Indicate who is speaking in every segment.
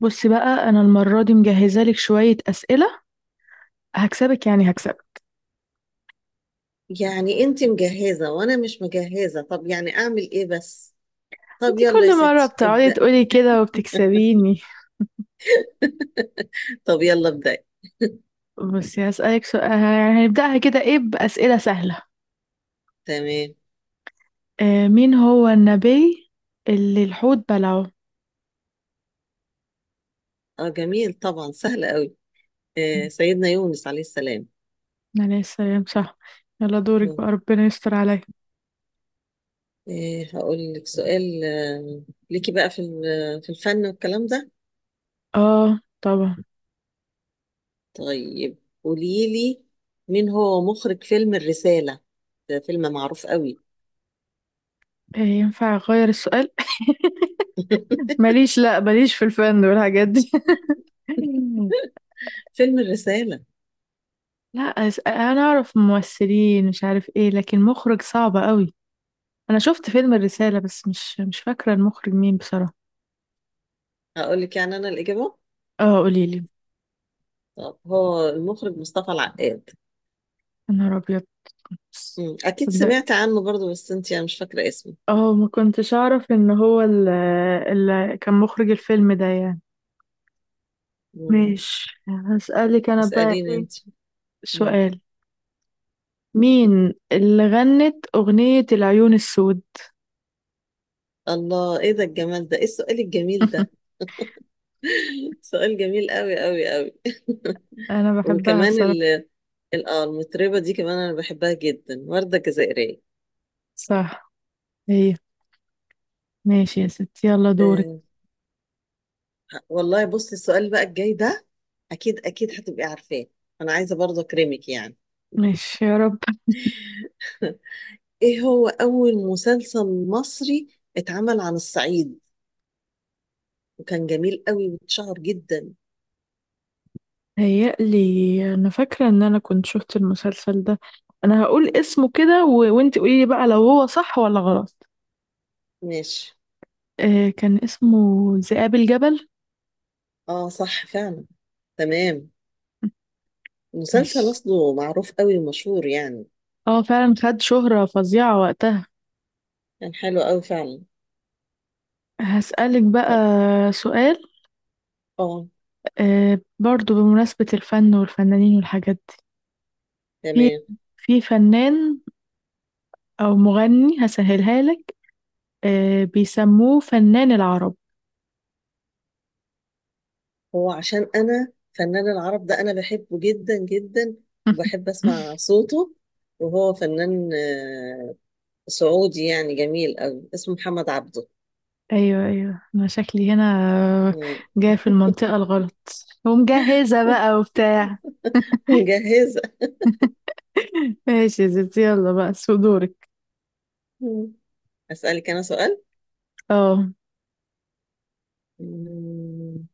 Speaker 1: بص بقى انا المره دي مجهزه لك شويه اسئله. هكسبك هكسبك.
Speaker 2: يعني انت مجهزة وانا مش مجهزة، طب يعني اعمل ايه بس. طب
Speaker 1: انت
Speaker 2: يلا يا
Speaker 1: كل مره
Speaker 2: ستي
Speaker 1: بتقعدي
Speaker 2: ابدأ.
Speaker 1: تقولي كده وبتكسبيني.
Speaker 2: طب يلا ابدأ.
Speaker 1: بصي هسالك سؤال، يعني هنبداها كده ايه، باسئله سهله.
Speaker 2: تمام.
Speaker 1: آه، مين هو النبي اللي الحوت بلعه؟
Speaker 2: اه جميل طبعا، سهل قوي. آه سيدنا يونس عليه السلام.
Speaker 1: عليه السلام، صح. يلا دورك بقى،
Speaker 2: مم.
Speaker 1: ربنا يستر عليا.
Speaker 2: آه هقول لك سؤال ليكي بقى في الفن والكلام ده.
Speaker 1: اه طبعا.
Speaker 2: طيب قولي لي، مين هو مخرج فيلم الرسالة؟ ده فيلم معروف قوي.
Speaker 1: آه، ينفع اغير السؤال؟ ماليش، لا ماليش في الفن والحاجات دي.
Speaker 2: فيلم الرسالة.
Speaker 1: لا انا اعرف ممثلين، مش عارف ايه، لكن مخرج صعب قوي. انا شفت فيلم الرسالة بس مش فاكرة المخرج مين بصراحة.
Speaker 2: هقول لك يعني انا الإجابة.
Speaker 1: اه قوليلي.
Speaker 2: طب هو المخرج مصطفى العقاد.
Speaker 1: يا نهار ابيض.
Speaker 2: مم. أكيد
Speaker 1: صدق.
Speaker 2: سمعت عنه برضو بس أنت يعني مش فاكرة اسمه.
Speaker 1: اه ما كنتش اعرف ان هو اللي كان مخرج الفيلم ده يعني.
Speaker 2: مم.
Speaker 1: ماشي، هسألك انا بقى
Speaker 2: اسأليني
Speaker 1: ايه
Speaker 2: أنت. مم.
Speaker 1: سؤال. مين اللي غنت اغنية العيون السود؟
Speaker 2: الله، إيه ده الجمال ده، إيه السؤال الجميل ده؟ سؤال جميل قوي قوي قوي
Speaker 1: انا بحبها
Speaker 2: وكمان
Speaker 1: بصراحة.
Speaker 2: المطربة دي كمان أنا بحبها جدا، وردة جزائرية.
Speaker 1: صح. هي. ماشي يا ستي، يلا دورك.
Speaker 2: آه، والله بصي السؤال بقى الجاي ده، أكيد أكيد هتبقي عارفاه. أنا عايزة برضو أكرمك يعني.
Speaker 1: ماشي يا رب.
Speaker 2: إيه هو أول مسلسل مصري اتعمل عن الصعيد، وكان جميل قوي واتشهر جدا.
Speaker 1: هيقلي. انا فاكره ان انا كنت شفت المسلسل ده. انا هقول اسمه كده وانت قولي لي بقى لو هو صح ولا غلط.
Speaker 2: ماشي.
Speaker 1: آه كان اسمه ذئاب الجبل.
Speaker 2: اه صح فعلا. تمام.
Speaker 1: ماشي.
Speaker 2: مسلسل اصله معروف قوي ومشهور يعني.
Speaker 1: اه فعلا خد شهره فظيعه وقتها.
Speaker 2: كان حلو قوي فعلا.
Speaker 1: هسألك بقى
Speaker 2: طب.
Speaker 1: سؤال.
Speaker 2: اه.
Speaker 1: آه، برضو بمناسبة الفن والفنانين والحاجات دي.
Speaker 2: تمام.
Speaker 1: في فنان أو مغني، هسهلها لك. آه، بيسموه فنان العرب.
Speaker 2: هو عشان انا فنان العرب ده انا بحبه جدا جدا، وبحب اسمع صوته، وهو فنان سعودي، يعني جميل قوي، اسمه محمد عبده.
Speaker 1: ايوه ايوه، انا شكلي هنا
Speaker 2: مم.
Speaker 1: جاي في المنطقة الغلط. ومجهزة بقى وبتاع.
Speaker 2: مجهزة.
Speaker 1: ماشي يا ستي، يلا بقى سو دورك.
Speaker 2: مم. اسالك انا سؤال.
Speaker 1: اه.
Speaker 2: مم.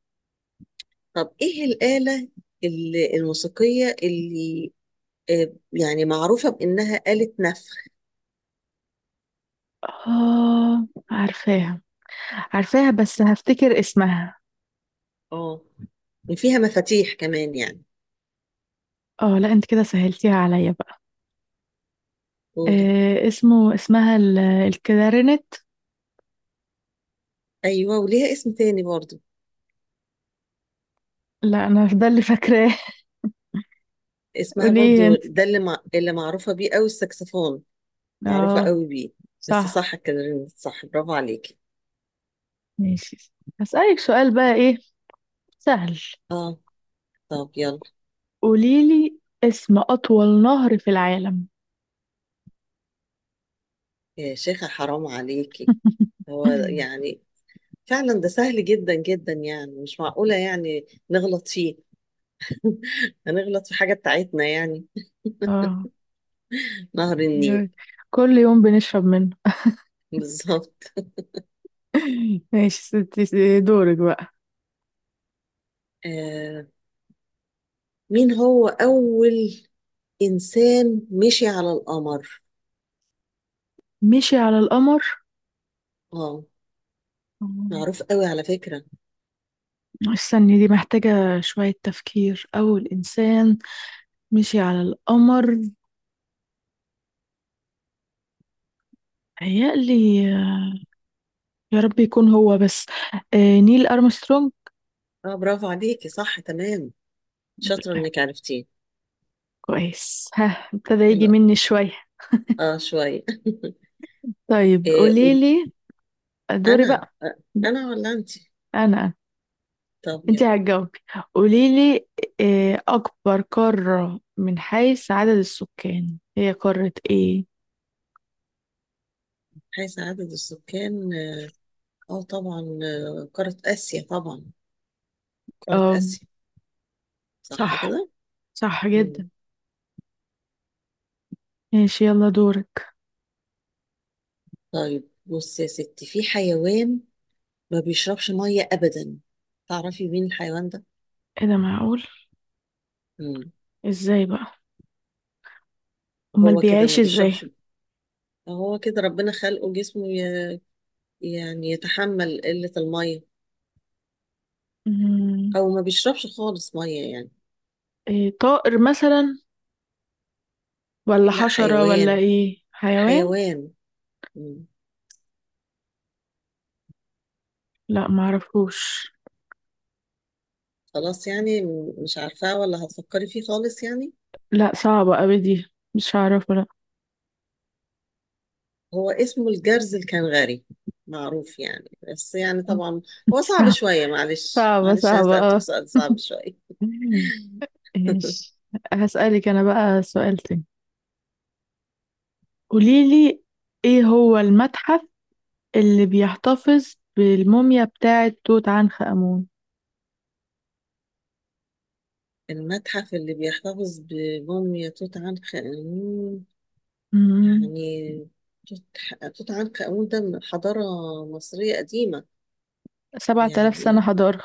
Speaker 2: طب ايه الآلة الموسيقية اللي يعني معروفة بإنها آلة نفخ،
Speaker 1: اه عارفاها، عارفاها، بس هفتكر اسمها.
Speaker 2: اه فيها مفاتيح كمان يعني.
Speaker 1: اه لا، انت كده سهلتيها عليا بقى.
Speaker 2: قولي.
Speaker 1: آه اسمه، اسمها الكلارينت.
Speaker 2: أيوة، وليها اسم تاني برضو.
Speaker 1: لا انا ده اللي فاكراه.
Speaker 2: اسمها
Speaker 1: قوليه
Speaker 2: برضو
Speaker 1: انت.
Speaker 2: ده اللي معروفة بيه أوي، السكسفون. معروفة
Speaker 1: اه
Speaker 2: أوي بيه. بس
Speaker 1: صح.
Speaker 2: صح كده، صح، برافو عليكي.
Speaker 1: ماشي هسألك سؤال بقى، ايه سهل.
Speaker 2: اه. طب يلا.
Speaker 1: قوليلي اسم اطول نهر في العالم.
Speaker 2: يا شيخة حرام عليكي، هو يعني فعلا ده سهل جدا جدا يعني، مش معقولة يعني نغلط فيه. هنغلط في حاجة بتاعتنا يعني.
Speaker 1: اه.
Speaker 2: نهر النيل.
Speaker 1: كل يوم بنشرب منه.
Speaker 2: بالظبط.
Speaker 1: ماشي ستي، دورك بقى.
Speaker 2: آه مين هو أول إنسان مشي على القمر؟
Speaker 1: مشي على القمر.
Speaker 2: آه
Speaker 1: مم.
Speaker 2: معروف قوي على فكرة.
Speaker 1: استني، دي محتاجة شوية تفكير. أول إنسان مشي على القمر. هيقلي. يا رب يكون هو بس. آه، نيل أرمسترونج.
Speaker 2: آه برافو عليكي، صح تمام،
Speaker 1: الحمد
Speaker 2: شاطرة
Speaker 1: لله.
Speaker 2: إنك عرفتيه.
Speaker 1: كويس، ها ابتدى
Speaker 2: حلو
Speaker 1: يجي
Speaker 2: أوي.
Speaker 1: مني شوية.
Speaker 2: آه شوية.
Speaker 1: طيب
Speaker 2: إيه قول.
Speaker 1: قوليلي. دوري
Speaker 2: أنا
Speaker 1: بقى. لا،
Speaker 2: أنا ولا أنت؟
Speaker 1: أنا.
Speaker 2: طب
Speaker 1: انت
Speaker 2: يلا.
Speaker 1: هتجاوبي. قوليلي آه، اكبر قارة من حيث عدد السكان هي قارة ايه؟
Speaker 2: حيث عدد السكان، طبعا، قارة آسيا طبعا، قارة
Speaker 1: اه
Speaker 2: آسيا. صح
Speaker 1: صح.
Speaker 2: كده؟
Speaker 1: صح جدا.
Speaker 2: مم.
Speaker 1: ماشي يلا دورك.
Speaker 2: طيب بص يا ستي، في حيوان ما بيشربش مية أبدا، تعرفي مين الحيوان ده؟
Speaker 1: ايه ده، معقول؟
Speaker 2: مم.
Speaker 1: ازاي بقى؟ امال
Speaker 2: هو كده
Speaker 1: بيعيش
Speaker 2: ما
Speaker 1: ازاي؟
Speaker 2: بيشربش، هو كده ربنا خلقه جسمه يعني يتحمل قلة المية،
Speaker 1: مم،
Speaker 2: أو ما بيشربش خالص مية يعني.
Speaker 1: إيه، طائر مثلا ولا
Speaker 2: لا
Speaker 1: حشرة ولا
Speaker 2: حيوان،
Speaker 1: ايه حيوان؟
Speaker 2: حيوان. مم.
Speaker 1: لا معرفوش.
Speaker 2: خلاص يعني، مش عارفاه ولا هتفكري فيه خالص يعني.
Speaker 1: لا صعبة اوي دي، مش هعرفه لا.
Speaker 2: هو اسمه الجرز الكنغري، معروف يعني بس يعني طبعا هو صعب
Speaker 1: صعبة
Speaker 2: شوية، معلش
Speaker 1: صعبة
Speaker 2: معلش، أنا
Speaker 1: صعبة.
Speaker 2: سألتك
Speaker 1: اه.
Speaker 2: سؤال صعب شوية.
Speaker 1: ماشي. هسألك انا بقى سؤال تاني. قوليلي ايه هو المتحف اللي بيحتفظ بالموميا بتاعة توت عنخ آمون؟
Speaker 2: المتحف اللي بيحتفظ بموميا توت عنخ آمون
Speaker 1: مم.
Speaker 2: يعني. توت توت عنخ آمون ده من حضارة مصرية قديمة
Speaker 1: 7000 سنة
Speaker 2: يعني،
Speaker 1: حضارة.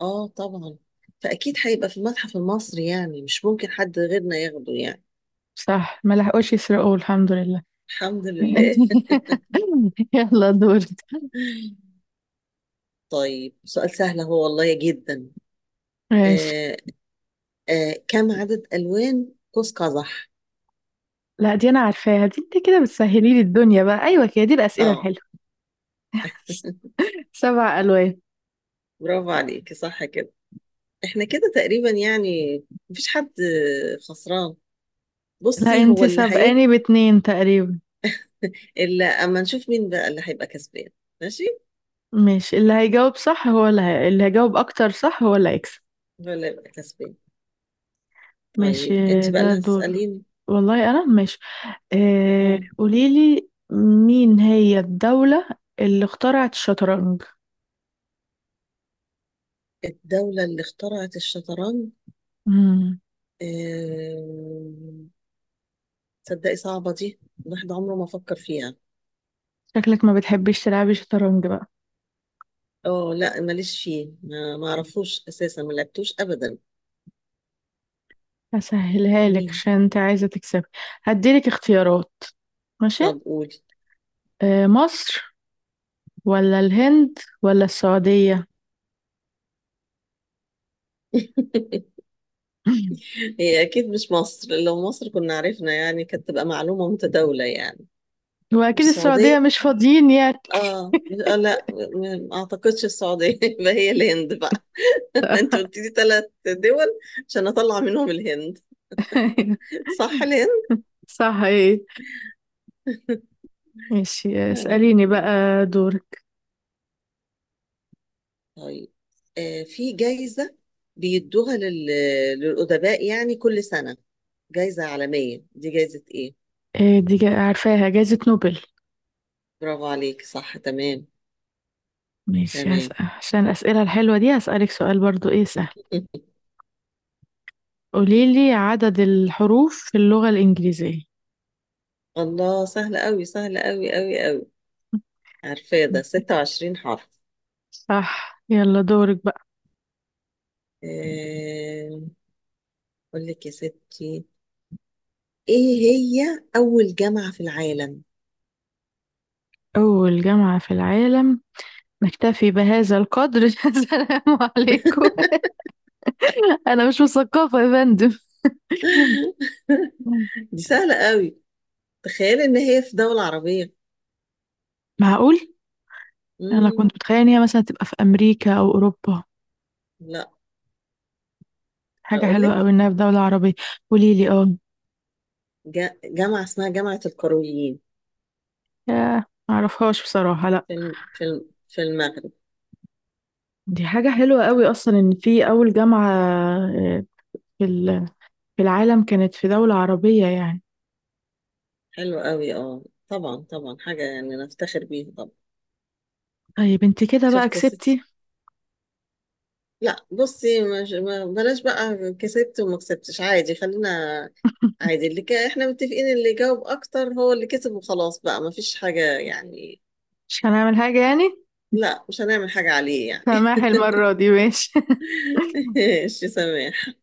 Speaker 2: اه طبعا، فأكيد هيبقى في المتحف المصري يعني، مش ممكن حد غيرنا ياخده يعني.
Speaker 1: صح، ما لحقوش يسرقوه الحمد لله.
Speaker 2: الحمد لله.
Speaker 1: يلا دورك.
Speaker 2: طيب سؤال سهل، هو والله جدا.
Speaker 1: ماشي.
Speaker 2: آه. آه كم عدد ألوان قوس قزح؟
Speaker 1: لا دي أنا عارفاها دي، انت كده بتسهلي لي الدنيا بقى، أيوة كده دي الأسئلة
Speaker 2: اه.
Speaker 1: الحلوة. 7 ألوان.
Speaker 2: برافو عليكي، صح كده. احنا كده تقريبا يعني، مفيش حد خسران.
Speaker 1: لا
Speaker 2: بصي
Speaker 1: انت
Speaker 2: هو اللي هيك،
Speaker 1: سابقاني باتنين تقريبا.
Speaker 2: اللي اما نشوف مين بقى اللي هيبقى كسبان. ماشي.
Speaker 1: ماشي، اللي هيجاوب صح هو اللي هيجاوب أكتر صح هو اللي هيكسب.
Speaker 2: ولا يبقى كسبان.
Speaker 1: ماشي.
Speaker 2: طيب انت بقى
Speaker 1: ده
Speaker 2: اللي
Speaker 1: دور
Speaker 2: هتسأليني.
Speaker 1: والله. أنا ماشي. آه،
Speaker 2: اه.
Speaker 1: قوليلي مين هي الدولة اللي اخترعت الشطرنج؟
Speaker 2: الدولة اللي اخترعت الشطرنج.
Speaker 1: مم.
Speaker 2: آم، تصدقي صعبة دي، الواحد عمره ما فكر فيها.
Speaker 1: شكلك ما بتحبيش تلعبي شطرنج بقى.
Speaker 2: اه لا ماليش فيه، ما اعرفوش اساسا، ما لعبتوش ابدا.
Speaker 1: هسهلها لك
Speaker 2: مين.
Speaker 1: عشان انت عايزة تكسبي. هديلك اختيارات. ماشي.
Speaker 2: طب قولي.
Speaker 1: آه، مصر ولا الهند ولا السعودية؟
Speaker 2: هي اكيد مش مصر، لو مصر كنا عرفنا يعني، كانت تبقى معلومة متداولة يعني.
Speaker 1: واكيد
Speaker 2: السعودية،
Speaker 1: السعودية مش فاضيين يعني.
Speaker 2: اه. لا، ما اعتقدش السعودية. يبقى هي الهند بقى، انت قلت لي ثلاث دول، عشان اطلع منهم الهند. صح، الهند.
Speaker 1: صح ايه. ماشي اسأليني
Speaker 2: آه.
Speaker 1: بقى. دورك.
Speaker 2: طيب. في جايزة بيدوها لل... للأدباء يعني كل سنة، جايزة عالمية، دي جايزة ايه؟
Speaker 1: إيه دي، عارفاها، جائزة نوبل.
Speaker 2: برافو عليك، صح تمام.
Speaker 1: ماشي
Speaker 2: تمام.
Speaker 1: هسأل، عشان الأسئلة الحلوة دي هسألك سؤال برضو ايه سهل. قوليلي عدد الحروف في اللغة الإنجليزية.
Speaker 2: الله سهل قوي، سهل قوي قوي قوي، عارفاه ده، 26 حرف.
Speaker 1: صح يلا دورك بقى.
Speaker 2: آه، اقول لك يا ستي، ايه هي اول جامعة في العالم؟
Speaker 1: أول جامعة في العالم. نكتفي بهذا القدر. السلام عليكم. أنا مش مثقفة يا فندم.
Speaker 2: دي سهلة قوي، تخيل ان هي في دولة عربية.
Speaker 1: معقول؟ أنا
Speaker 2: امم.
Speaker 1: كنت متخيلة إن هي مثلا تبقى في أمريكا أو أوروبا.
Speaker 2: لا.
Speaker 1: حاجة
Speaker 2: اقول
Speaker 1: حلوة
Speaker 2: لك.
Speaker 1: أوي إنها في دولة عربية. قوليلي اه.
Speaker 2: جامعة اسمها جامعة القرويين،
Speaker 1: ياه، معرفهاش بصراحة، لأ.
Speaker 2: في المغرب.
Speaker 1: دي حاجة حلوة أوي أصلا إن في أول جامعة آه، في ال- في العالم كانت في دولة عربية يعني.
Speaker 2: حلو قوي، اه طبعا طبعا، حاجة يعني نفتخر بيها طبعا.
Speaker 1: طيب انت كده بقى
Speaker 2: شفت يا ستي.
Speaker 1: كسبتي.
Speaker 2: لا بصي مش، ما بلاش بقى كسبت وما كسبتش، عادي، خلينا عادي. احنا متفقين اللي جاوب اكتر هو اللي كسب، وخلاص بقى، ما فيش حاجة يعني.
Speaker 1: مش هنعمل حاجة يعني.
Speaker 2: لا مش هنعمل حاجة عليه يعني.
Speaker 1: سماحي المرة دي، ماشي.
Speaker 2: ماشي سامح.